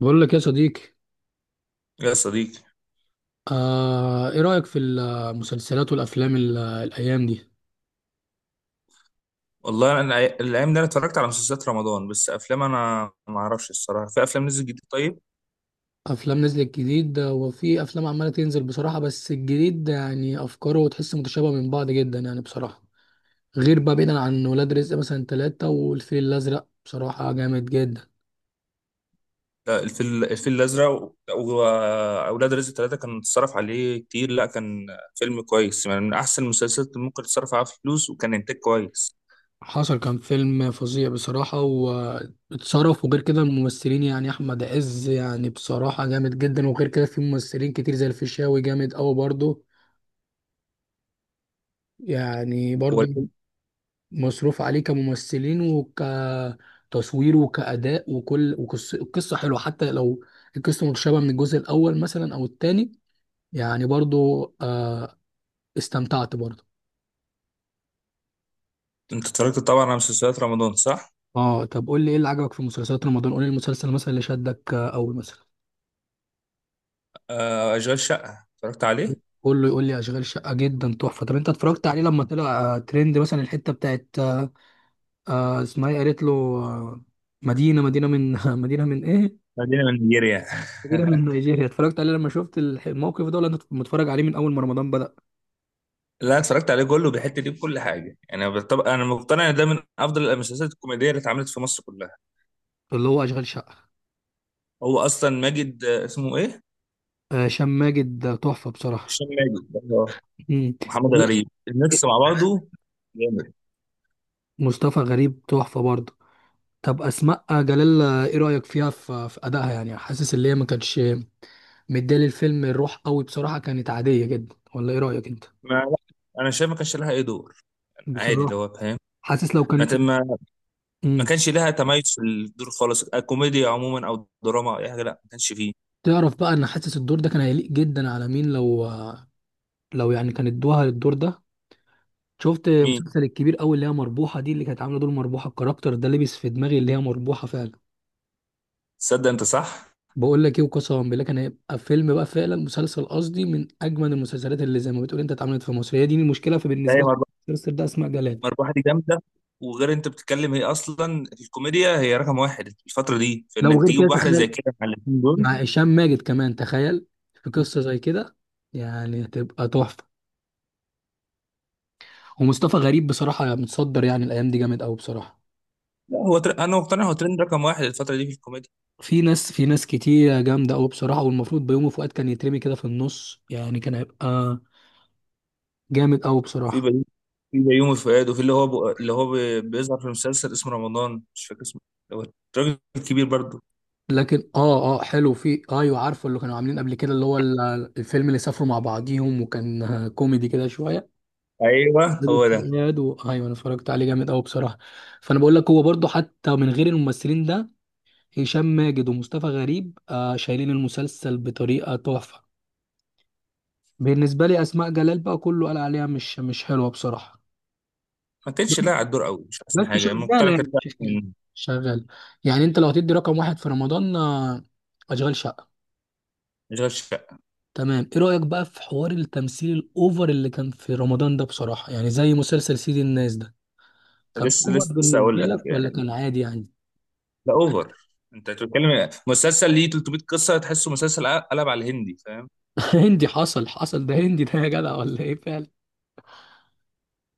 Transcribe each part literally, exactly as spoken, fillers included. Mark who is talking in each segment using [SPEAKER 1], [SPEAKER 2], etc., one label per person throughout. [SPEAKER 1] بقول لك يا صديقي.
[SPEAKER 2] يا صديقي،
[SPEAKER 1] آه ايه رأيك في المسلسلات والافلام ال- الايام دي؟
[SPEAKER 2] والله انا الأي- الايام دي انا اتفرجت على مسلسلات رمضان، بس افلام انا ما اعرفش الصراحه في افلام نزل جديد. طيب،
[SPEAKER 1] افلام نزلت جديد وفي افلام عمالة تنزل بصراحة، بس الجديد ده يعني افكاره تحس متشابهة من بعض جدا يعني بصراحة. غير بقى بعيدا عن ولاد رزق مثلا ثلاثة والفيل الازرق، بصراحة جامد جدا.
[SPEAKER 2] لا الفيل الفيل الازرق و- واولاد رزق ثلاثه كان اتصرف عليه كتير. لا كان فيلم كويس يعني، من احسن المسلسلات اللي ممكن تتصرف عليها فلوس، وكان انتاج كويس.
[SPEAKER 1] حصل، كان فيلم فظيع بصراحة واتصرف، وغير كده الممثلين يعني أحمد عز يعني بصراحة جامد جدا، وغير كده في ممثلين كتير زي الفيشاوي جامد أوي برضه، يعني
[SPEAKER 2] هو
[SPEAKER 1] برضه
[SPEAKER 2] الفيلم-
[SPEAKER 1] مصروف عليه كممثلين وكتصوير وكأداء وكل وقصة، القصة حلوة حتى لو القصة متشابهة من الجزء الأول مثلا أو التاني، يعني برضو. آه استمتعت برضو.
[SPEAKER 2] انت اتفرجت طبعا على مسلسلات رمضان، صح؟
[SPEAKER 1] اه، طب قول لي ايه اللي عجبك في مسلسلات رمضان؟ قول لي المسلسل مثلا اللي شدك، آه، أول مثلا.
[SPEAKER 2] آه، اشغال شقه اتفرجت عليه.
[SPEAKER 1] قول له يقول لي أشغال شقة جدا تحفة. طب أنت اتفرجت عليه لما طلع آه، ترند مثلا؟ الحتة بتاعت آه، آه، اسمها ايه قالت له؟ آه، مدينة مدينة من مدينة من ايه؟
[SPEAKER 2] خلينا من نيجيريا.
[SPEAKER 1] كبيرة من نيجيريا. اتفرجت عليه لما شفت الح- الموقف ده، ولا انت متفرج عليه من اول ما رمضان بدأ؟
[SPEAKER 2] لا اتفرجت عليه كله، بيحط ليه بكل حاجه يعني. طب انا مقتنع ان ده من افضل المسلسلات الكوميديه اللي اتعملت في مصر كلها.
[SPEAKER 1] اللي هو اشغال شقة.
[SPEAKER 2] هو اصلا ماجد، آه، اسمه ايه؟
[SPEAKER 1] آه، هشام ماجد ده تحفة بصراحة.
[SPEAKER 2] هشام ماجد، آه.
[SPEAKER 1] مم.
[SPEAKER 2] محمد غريب، الميكس مع بعضه جامد.
[SPEAKER 1] مصطفى غريب تحفة برضه. طب أسماء جلال، آه، ايه رأيك فيها؟ في في أدائها، يعني حاسس اللي هي ما كانتش مديه للفيلم الروح قوي بصراحة، كانت عادية جدا، ولا ايه رأيك انت؟
[SPEAKER 2] ما لا، انا شايف ما كانش لها اي دور عادي، اللي
[SPEAKER 1] بصراحة
[SPEAKER 2] هو فاهم.
[SPEAKER 1] حاسس لو كان.
[SPEAKER 2] ما ما ما
[SPEAKER 1] مم.
[SPEAKER 2] كانش لها تميز في الدور خالص، آه، كوميديا عموما او دراما او اي حاجه. لا ما كانش فيه.
[SPEAKER 1] تعرف بقى ان حاسس الدور ده كان هيليق جدا على مين لو، لو يعني كان ادوها الدور ده؟ شفت
[SPEAKER 2] مين؟
[SPEAKER 1] مسلسل الكبير قوي اللي هي مربوحه دي، اللي كانت عامله دور مربوحه؟ الكاركتر ده لبس في دماغي اللي هي مربوحه فعلا.
[SPEAKER 2] تصدق انت صح،
[SPEAKER 1] بقول لك ايه، وقسما بالله كان هيبقى فيلم بقى فعلا، مسلسل قصدي، من اجمل المسلسلات اللي زي ما بتقول انت اتعملت في مصر. هي دي المشكله،
[SPEAKER 2] لا هي
[SPEAKER 1] فبالنسبه لي
[SPEAKER 2] مربحه.
[SPEAKER 1] المسلسل ده اسماء جلال.
[SPEAKER 2] مربحه دي جامده، وغير انت بتتكلم هي اصلا في الكوميديا هي رقم واحد الفتره دي،
[SPEAKER 1] لو
[SPEAKER 2] فانك
[SPEAKER 1] غير كده
[SPEAKER 2] تجيب واحده زي
[SPEAKER 1] تخيل،
[SPEAKER 2] كده مع الاثنين
[SPEAKER 1] مع
[SPEAKER 2] دول.
[SPEAKER 1] هشام ماجد كمان تخيل، في قصه زي كده، يعني هتبقى تحفه. ومصطفى غريب بصراحه متصدر يعني الايام دي جامد قوي بصراحه.
[SPEAKER 2] لا هو تر... انا مقتنع هو ترند رقم واحد الفتره دي في الكوميديا.
[SPEAKER 1] في ناس، في ناس كتير جامده قوي بصراحه، والمفروض بيومي فؤاد كان يترمي كده في النص، يعني كان هيبقى جامد قوي
[SPEAKER 2] في
[SPEAKER 1] بصراحه.
[SPEAKER 2] بيومي في بيومي فؤاد، وفي اللي هو بق- اللي هو بي- بيظهر في المسلسل اسمه رمضان، مش فاكر اسمه، هو الراجل الكبير برضه.
[SPEAKER 1] لكن اه اه حلو، في ايوه عارفه اللي كانوا عاملين قبل كده، اللي هو ال- الفيلم اللي سافروا مع بعضيهم، وكان آه، كوميدي كده شويه،
[SPEAKER 2] ايوه
[SPEAKER 1] بدون
[SPEAKER 2] هو ده.
[SPEAKER 1] حلقات و... ايوه انا اتفرجت عليه، جامد قوي بصراحه. فانا بقول لك هو برضو حتى من غير الممثلين ده، هشام ماجد ومصطفى غريب آه شايلين المسلسل بطريقه تحفه. بالنسبه لي اسماء جلال بقى كله قال عليها مش مش حلوه بصراحه،
[SPEAKER 2] ما كانش لاعب على الدور قوي، مش
[SPEAKER 1] بس
[SPEAKER 2] احسن حاجه لما كنت.
[SPEAKER 1] شغاله
[SPEAKER 2] انا كنت
[SPEAKER 1] يعني شغاله.
[SPEAKER 2] من
[SPEAKER 1] شغالة. يعني انت لو هتدي رقم واحد في رمضان، آه، اشغال شقه.
[SPEAKER 2] اشغال شقه.
[SPEAKER 1] تمام. ايه رأيك بقى في حوار التمثيل الاوفر اللي كان في رمضان ده بصراحة، يعني زي مسلسل سيد الناس ده، كان
[SPEAKER 2] لسه
[SPEAKER 1] اوفر
[SPEAKER 2] لسه
[SPEAKER 1] بالنسبة
[SPEAKER 2] اقول لك
[SPEAKER 1] لك ولا
[SPEAKER 2] يعني،
[SPEAKER 1] كان عادي يعني؟
[SPEAKER 2] ده اوفر. انت بتتكلم مسلسل ليه ثلاث مية قصه، تحسه مسلسل قلب على الهندي، فاهم؟
[SPEAKER 1] هندي، حصل حصل ده هندي ده يا جدع، ولا ايه فعلا؟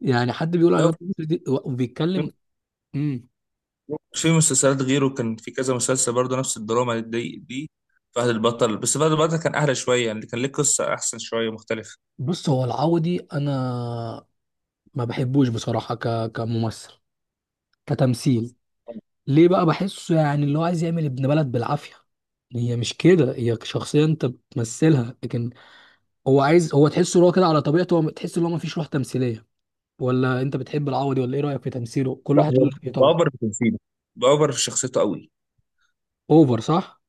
[SPEAKER 1] يعني حد بيقول على
[SPEAKER 2] لو في
[SPEAKER 1] نفسه دي- وبيتكلم. امم
[SPEAKER 2] في مسلسلات غيره كان في كذا مسلسل برضه نفس الدراما دي دي. فهد البطل، بس فهد البطل كان اهدى شويه يعني، كان ليه قصه احسن شويه مختلفه.
[SPEAKER 1] بص، هو العوضي انا ما بحبوش بصراحة، ك... كممثل، كتمثيل. ليه بقى؟ بحسه يعني اللي هو عايز يعمل ابن بلد بالعافية. هي مش كده، هي شخصية انت بتمثلها، لكن هو عايز، هو تحسه اللي هو كده على طبيعته، هو تحس ان هو مفيش روح تمثيليه. ولا انت بتحب العوضي، ولا ايه رايك في تمثيله؟ كل
[SPEAKER 2] لا
[SPEAKER 1] واحد
[SPEAKER 2] هو
[SPEAKER 1] يقول لك ايه طبعا.
[SPEAKER 2] بأوفر في تمثيله، بأوفر في شخصيته قوي.
[SPEAKER 1] اوفر صح.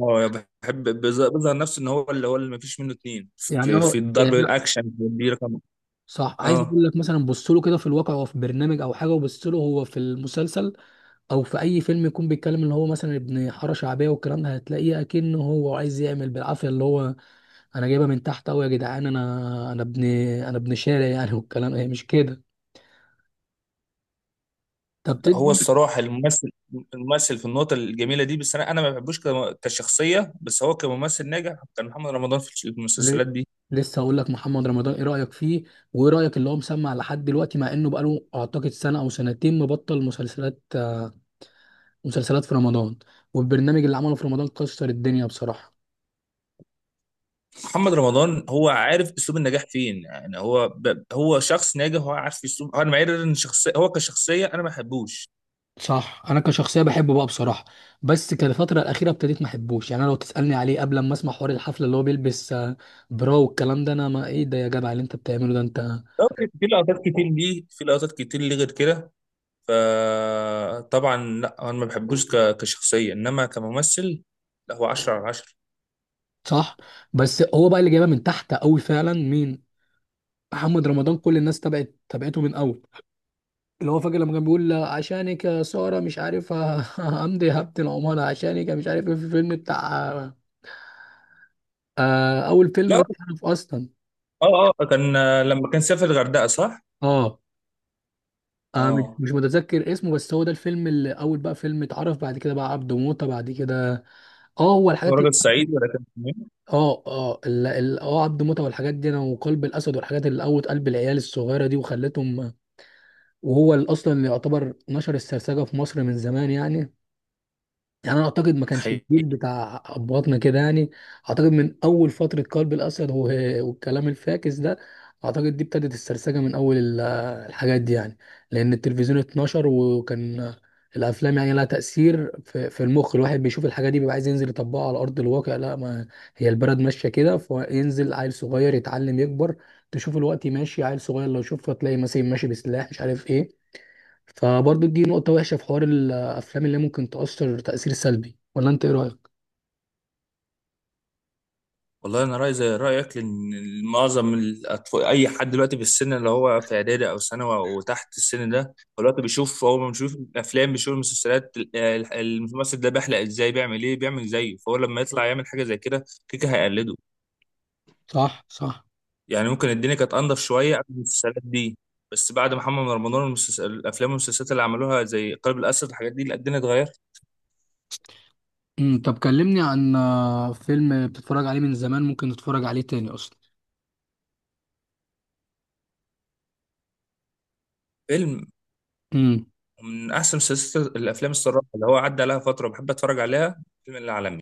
[SPEAKER 2] هو بحب بز- بيظهر نفسه ان هو اللي هو اللي مفيش منه اتنين
[SPEAKER 1] يعني
[SPEAKER 2] في, في
[SPEAKER 1] اه
[SPEAKER 2] الضرب
[SPEAKER 1] يعني.
[SPEAKER 2] الاكشن دي رقم.
[SPEAKER 1] صح، عايز
[SPEAKER 2] اه،
[SPEAKER 1] اقول لك مثلا، بص له كده في الواقع هو في برنامج او حاجه، وبص له هو في المسلسل، او في اي فيلم، يكون بيتكلم اللي هو مثلا ابن حاره شعبيه والكلام ده، هتلاقيه اكنه هو عايز يعمل بالعافيه اللي هو: انا جايبها من تحت قوي يا جدعان، انا انا ابن، انا ابن شارع يعني والكلام. هي مش كده. طب
[SPEAKER 2] لا، هو
[SPEAKER 1] تدي
[SPEAKER 2] الصراحه الممثل الممثل في النقطه الجميله دي. بس انا انا ما بحبوش كم- كشخصيه، بس هو كممثل ناجح كان محمد رمضان في المسلسلات
[SPEAKER 1] ليه؟
[SPEAKER 2] دي.
[SPEAKER 1] لسه هقول لك، محمد رمضان ايه رايك فيه؟ وايه رايك اللي هو مسمع لحد دلوقتي، مع انه بقاله اعتقد سنه او سنتين مبطل مسلسلات مسلسلات في رمضان؟ والبرنامج اللي عمله في رمضان كسر الدنيا بصراحه.
[SPEAKER 2] محمد رمضان هو عارف اسلوب النجاح فين يعني، هو ب... هو شخص ناجح، هو عارف اسلوب. انا معير ان شخصيه هو كشخصيه انا ما بحبوش.
[SPEAKER 1] صح، انا كشخصيه بحبه بقى بصراحه، بس كان الفتره الاخيره ابتديت ما احبوش، يعني انا لو تسالني عليه قبل ما اسمع حوار الحفله اللي هو بيلبس آه، برا والكلام ده، انا ما ايه ده يا جدع اللي انت بتعمله ده انت!
[SPEAKER 2] طب في لقطات كتير ليه، في لقطات كتير ليه غير كده. فطبعا لا انا ما بحبوش ك- كشخصيه انما كممثل. لا هو عشرة على عشرة.
[SPEAKER 1] صح. بس هو بقى اللي جايبها من تحت قوي فعلا مين؟ محمد رمضان. كل الناس تبعت تبعته من اول، اللي هو فاكر لما كان بيقول عشانك يا سارة، مش عارف ه- همضي هبة العمارة عشانك، مش عارف ايه، في الفيلم بتاع، آه أول فيلم ده
[SPEAKER 2] لا،
[SPEAKER 1] اتعرف أصلا.
[SPEAKER 2] اه اه كان، آه، لما كان سافر الغردقه، صح؟
[SPEAKER 1] اه آه، مش
[SPEAKER 2] اه،
[SPEAKER 1] مش متذكر اسمه، بس هو ده الفيلم اللي أول بقى فيلم اتعرف، بعد كده بقى عبده موتة، بعد كده. اه هو
[SPEAKER 2] اسمه
[SPEAKER 1] الحاجات اللي
[SPEAKER 2] راجل صعيدي ولا كان اسمه إيه؟
[SPEAKER 1] اه اه ال- ال- اه عبد موتة والحاجات دي انا، وقلب الاسد، والحاجات اللي قوت قلب العيال الصغيره دي وخلتهم، وهو اللي اصلا اللي يعتبر نشر السرسجه في مصر من زمان يعني. يعني انا اعتقد ما كانش
[SPEAKER 2] حقيقي.
[SPEAKER 1] الجيل بتاع ابهاتنا كده يعني، اعتقد من اول فتره قلب الاسد و- والكلام الفاكس ده، اعتقد دي ابتدت السرسجه من اول ال- الحاجات دي يعني، لان التلفزيون اتنشر. وكان الافلام يعني لها تاثير في, في المخ، الواحد بيشوف الحاجه دي بيبقى عايز ينزل يطبقها على ارض الواقع. لا ما هي البلد ماشيه كده، فينزل عيل صغير يتعلم يكبر، تشوف الوقت ماشي عيل صغير لو شوفه تلاقي مثلا ماشي بسلاح مش عارف ايه. فبرضه دي نقطة وحشة في حوار الأفلام، اللي ممكن تأثر تأثير سلبي، ولا أنت إيه رأيك؟
[SPEAKER 2] والله انا رايي زي رايك، لان معظم الاطفال اي حد دلوقتي في السن اللي هو في اعدادي او ثانوي وتحت السن ده، هو دلوقتي بيشوف، هو بيشوف الافلام بيشوف المسلسلات، ال- ال- الممثل ده بيحلق ازاي، بيعمل ايه، بيعمل زيه، فهو لما يطلع يعمل حاجه زي كده كيكه هيقلده.
[SPEAKER 1] صح صح.
[SPEAKER 2] يعني ممكن الدنيا كانت انضف شويه قبل المسلسلات دي، بس بعد محمد رمضان المسلسل، الافلام والمسلسلات اللي عملوها زي قلب الاسد الحاجات دي، لا الدنيا اتغيرت.
[SPEAKER 1] امم طب كلمني عن، آه، فيلم بتتفرج عليه من زمان ممكن تتفرج عليه تاني أصلا.
[SPEAKER 2] فيلم؟
[SPEAKER 1] امم
[SPEAKER 2] من احسن مسلسلات الافلام الصراحه اللي هو عدى عليها فتره بحب اتفرج عليها فيلم العالمي.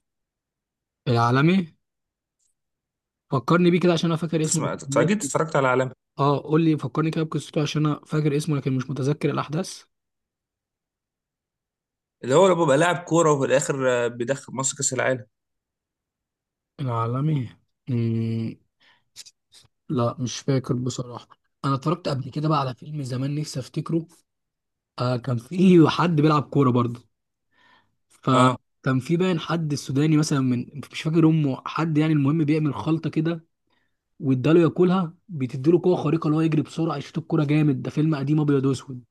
[SPEAKER 1] العالمي، فكرني بيه كده عشان أنا فاكر اسمه
[SPEAKER 2] تسمع،
[SPEAKER 1] لكن
[SPEAKER 2] اكيد
[SPEAKER 1] ناسي.
[SPEAKER 2] اتفرجت على العالمي،
[SPEAKER 1] أه قول لي، فكرني كده بقصته عشان أنا فاكر اسمه لكن مش متذكر الأحداث.
[SPEAKER 2] اللي هو لما بيبقى لاعب كوره، وفي الاخر آه، بيدخل مصر كاس العالم.
[SPEAKER 1] العالمي. امم لا مش فاكر بصراحة. أنا اتفرجت قبل كده بقى على فيلم زمان نفسي أفتكره، آه كان فيه حد بيلعب كورة برضه،
[SPEAKER 2] اه،
[SPEAKER 1] فكان في باين حد السوداني مثلا من، مش فاكر امه حد يعني، المهم بيعمل خلطه كده واداله ياكلها، بتديله قوه خارقه اللي هو يجري بسرعه، يشوط الكوره جامد. ده فيلم قديم ابيض واسود،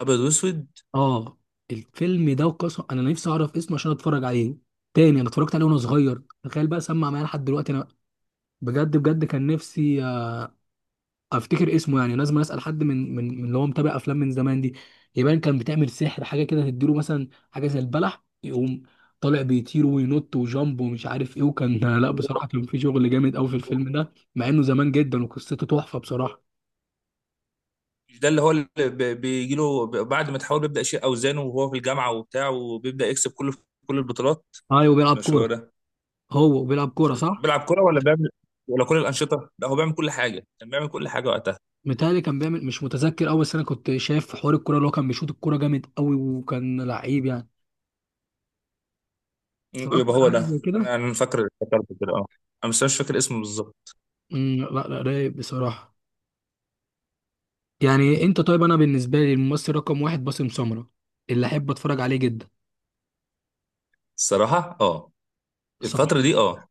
[SPEAKER 2] ابيض واسود.
[SPEAKER 1] اه. الفيلم ده وقصه، انا نفسي اعرف اسمه عشان اتفرج عليه تاني. انا اتفرجت عليه وانا صغير، تخيل بقى سمع معايا لحد دلوقتي انا. بجد بجد كان نفسي افتكر اسمه، يعني لازم اسال حد من من من اللي هو متابع افلام من زمان دي. يبان كان بتعمل سحر حاجه كده، تديله مثلا حاجه زي البلح، يقوم طالع بيطير وينط وجامب ومش عارف ايه. وكان لا بصراحه كان في شغل جامد قوي في الفيلم ده، مع انه زمان جدا، وقصته تحفه بصراحه.
[SPEAKER 2] مش ده اللي هو اللي بي- بيجي له ب- بعد ما تحاول بيبدا يشيل اوزانه وهو في الجامعه وبتاع، وبيبدا يكسب كله في كل البطولات.
[SPEAKER 1] ايوه بيلعب
[SPEAKER 2] مش هو
[SPEAKER 1] كوره.
[SPEAKER 2] ده؟
[SPEAKER 1] هو بيلعب كوره صح.
[SPEAKER 2] بيلعب كرة ولا بيعمل، ولا كل الأنشطة؟ لا هو بيعمل كل حاجة، كان بيعمل كل حاجة وقتها.
[SPEAKER 1] متهيألي كان بيعمل، مش متذكر قوي، بس انا كنت شايف حوار الكوره اللي هو كان بيشوط الكوره جامد قوي وكان لعيب يعني. اتفرجت
[SPEAKER 2] يبقى
[SPEAKER 1] على
[SPEAKER 2] هو
[SPEAKER 1] حاجه
[SPEAKER 2] ده،
[SPEAKER 1] زي
[SPEAKER 2] أنا
[SPEAKER 1] كده.
[SPEAKER 2] أنا فاكر، فكرت كده أه. أنا بس مش فاكر اسمه بالظبط.
[SPEAKER 1] أمم، لا لا رايق بصراحه. يعني انت طيب، انا بالنسبه لي الممثل رقم واحد باسم سمره، اللي احب اتفرج عليه جدا.
[SPEAKER 2] الصراحة أه،
[SPEAKER 1] صح.
[SPEAKER 2] الفترة دي أه.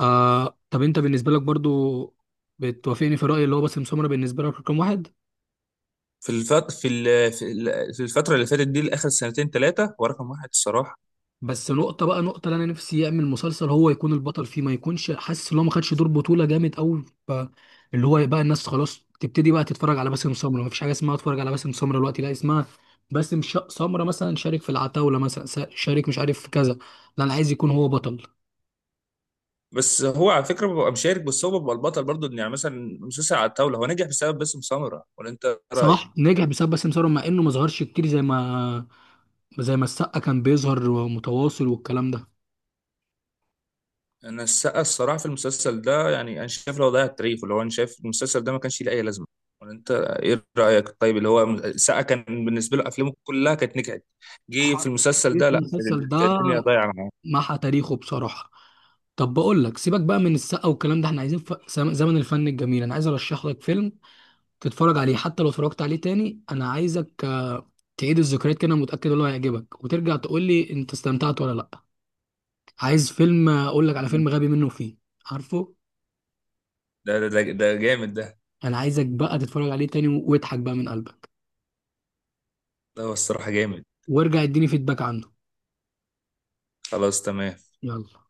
[SPEAKER 1] آه، طب انت بالنسبه لك برضو بتوافقني في رايي اللي هو باسم سمره بالنسبه لك رقم واحد؟
[SPEAKER 2] في الفت... في ال... في ال- في الفترة اللي فاتت دي لآخر سنتين ثلاثة هو رقم واحد الصراحة.
[SPEAKER 1] بس نقطه بقى، نقطه اللي انا نفسي يعمل مسلسل هو يكون البطل فيه، ما يكونش حاسس ان هو ما خدش دور بطوله جامد قوي، اللي هو يبقى الناس خلاص تبتدي بقى تتفرج على باسم سمره، ما فيش حاجه اسمها اتفرج على باسم سمره دلوقتي لا، اسمها باسم ش- سمره مثلا شارك في العتاوله مثلا، س- شارك مش عارف في كذا. لا انا عايز يكون هو بطل.
[SPEAKER 2] بس هو على فكرة ببقى مشارك، بس هو بيبقى البطل برضه. إن يعني مثلا مسلسل على الطاولة هو نجح بسبب باسم سمرة، ولا أنت رأيك؟
[SPEAKER 1] صلاح نجح بسبب باسم سمسار، مع انه ما ظهرش كتير زي ما زي ما السقا كان بيظهر ومتواصل والكلام ده.
[SPEAKER 2] انا السقا الصراحه في المسلسل ده، يعني انا شايف لو ضيع التاريخ، اللي هو انا شايف المسلسل ده ما كانش ليه اي لازمه. ولا انت ايه رايك؟ طيب اللي هو السقا كان بالنسبه له افلامه كلها كانت نجحت، جه في
[SPEAKER 1] حرك
[SPEAKER 2] المسلسل
[SPEAKER 1] كتير
[SPEAKER 2] ده
[SPEAKER 1] في
[SPEAKER 2] لا، كانت
[SPEAKER 1] المسلسل ده،
[SPEAKER 2] الدنيا ضايعه معاه.
[SPEAKER 1] محى تاريخه بصراحة. طب بقول لك سيبك بقى من السقا والكلام ده، احنا عايزين ف... زم- زمن الفن الجميل. انا عايز ارشح لك فيلم تتفرج عليه، حتى لو اتفرجت عليه تاني انا عايزك آه، تعيد الذكريات كده. أنا متأكد ان هو هيعجبك، وترجع تقول لي انت استمتعت ولا لا. عايز فيلم، آه، اقول لك على فيلم غبي منه فيه عارفه.
[SPEAKER 2] ده ده ده ده جامد ده.
[SPEAKER 1] انا عايزك بقى تتفرج عليه تاني واضحك بقى من قلبك،
[SPEAKER 2] ده هو الصراحه جامد.
[SPEAKER 1] وارجع اديني فيدباك عنه.
[SPEAKER 2] خلاص تمام.
[SPEAKER 1] يلا.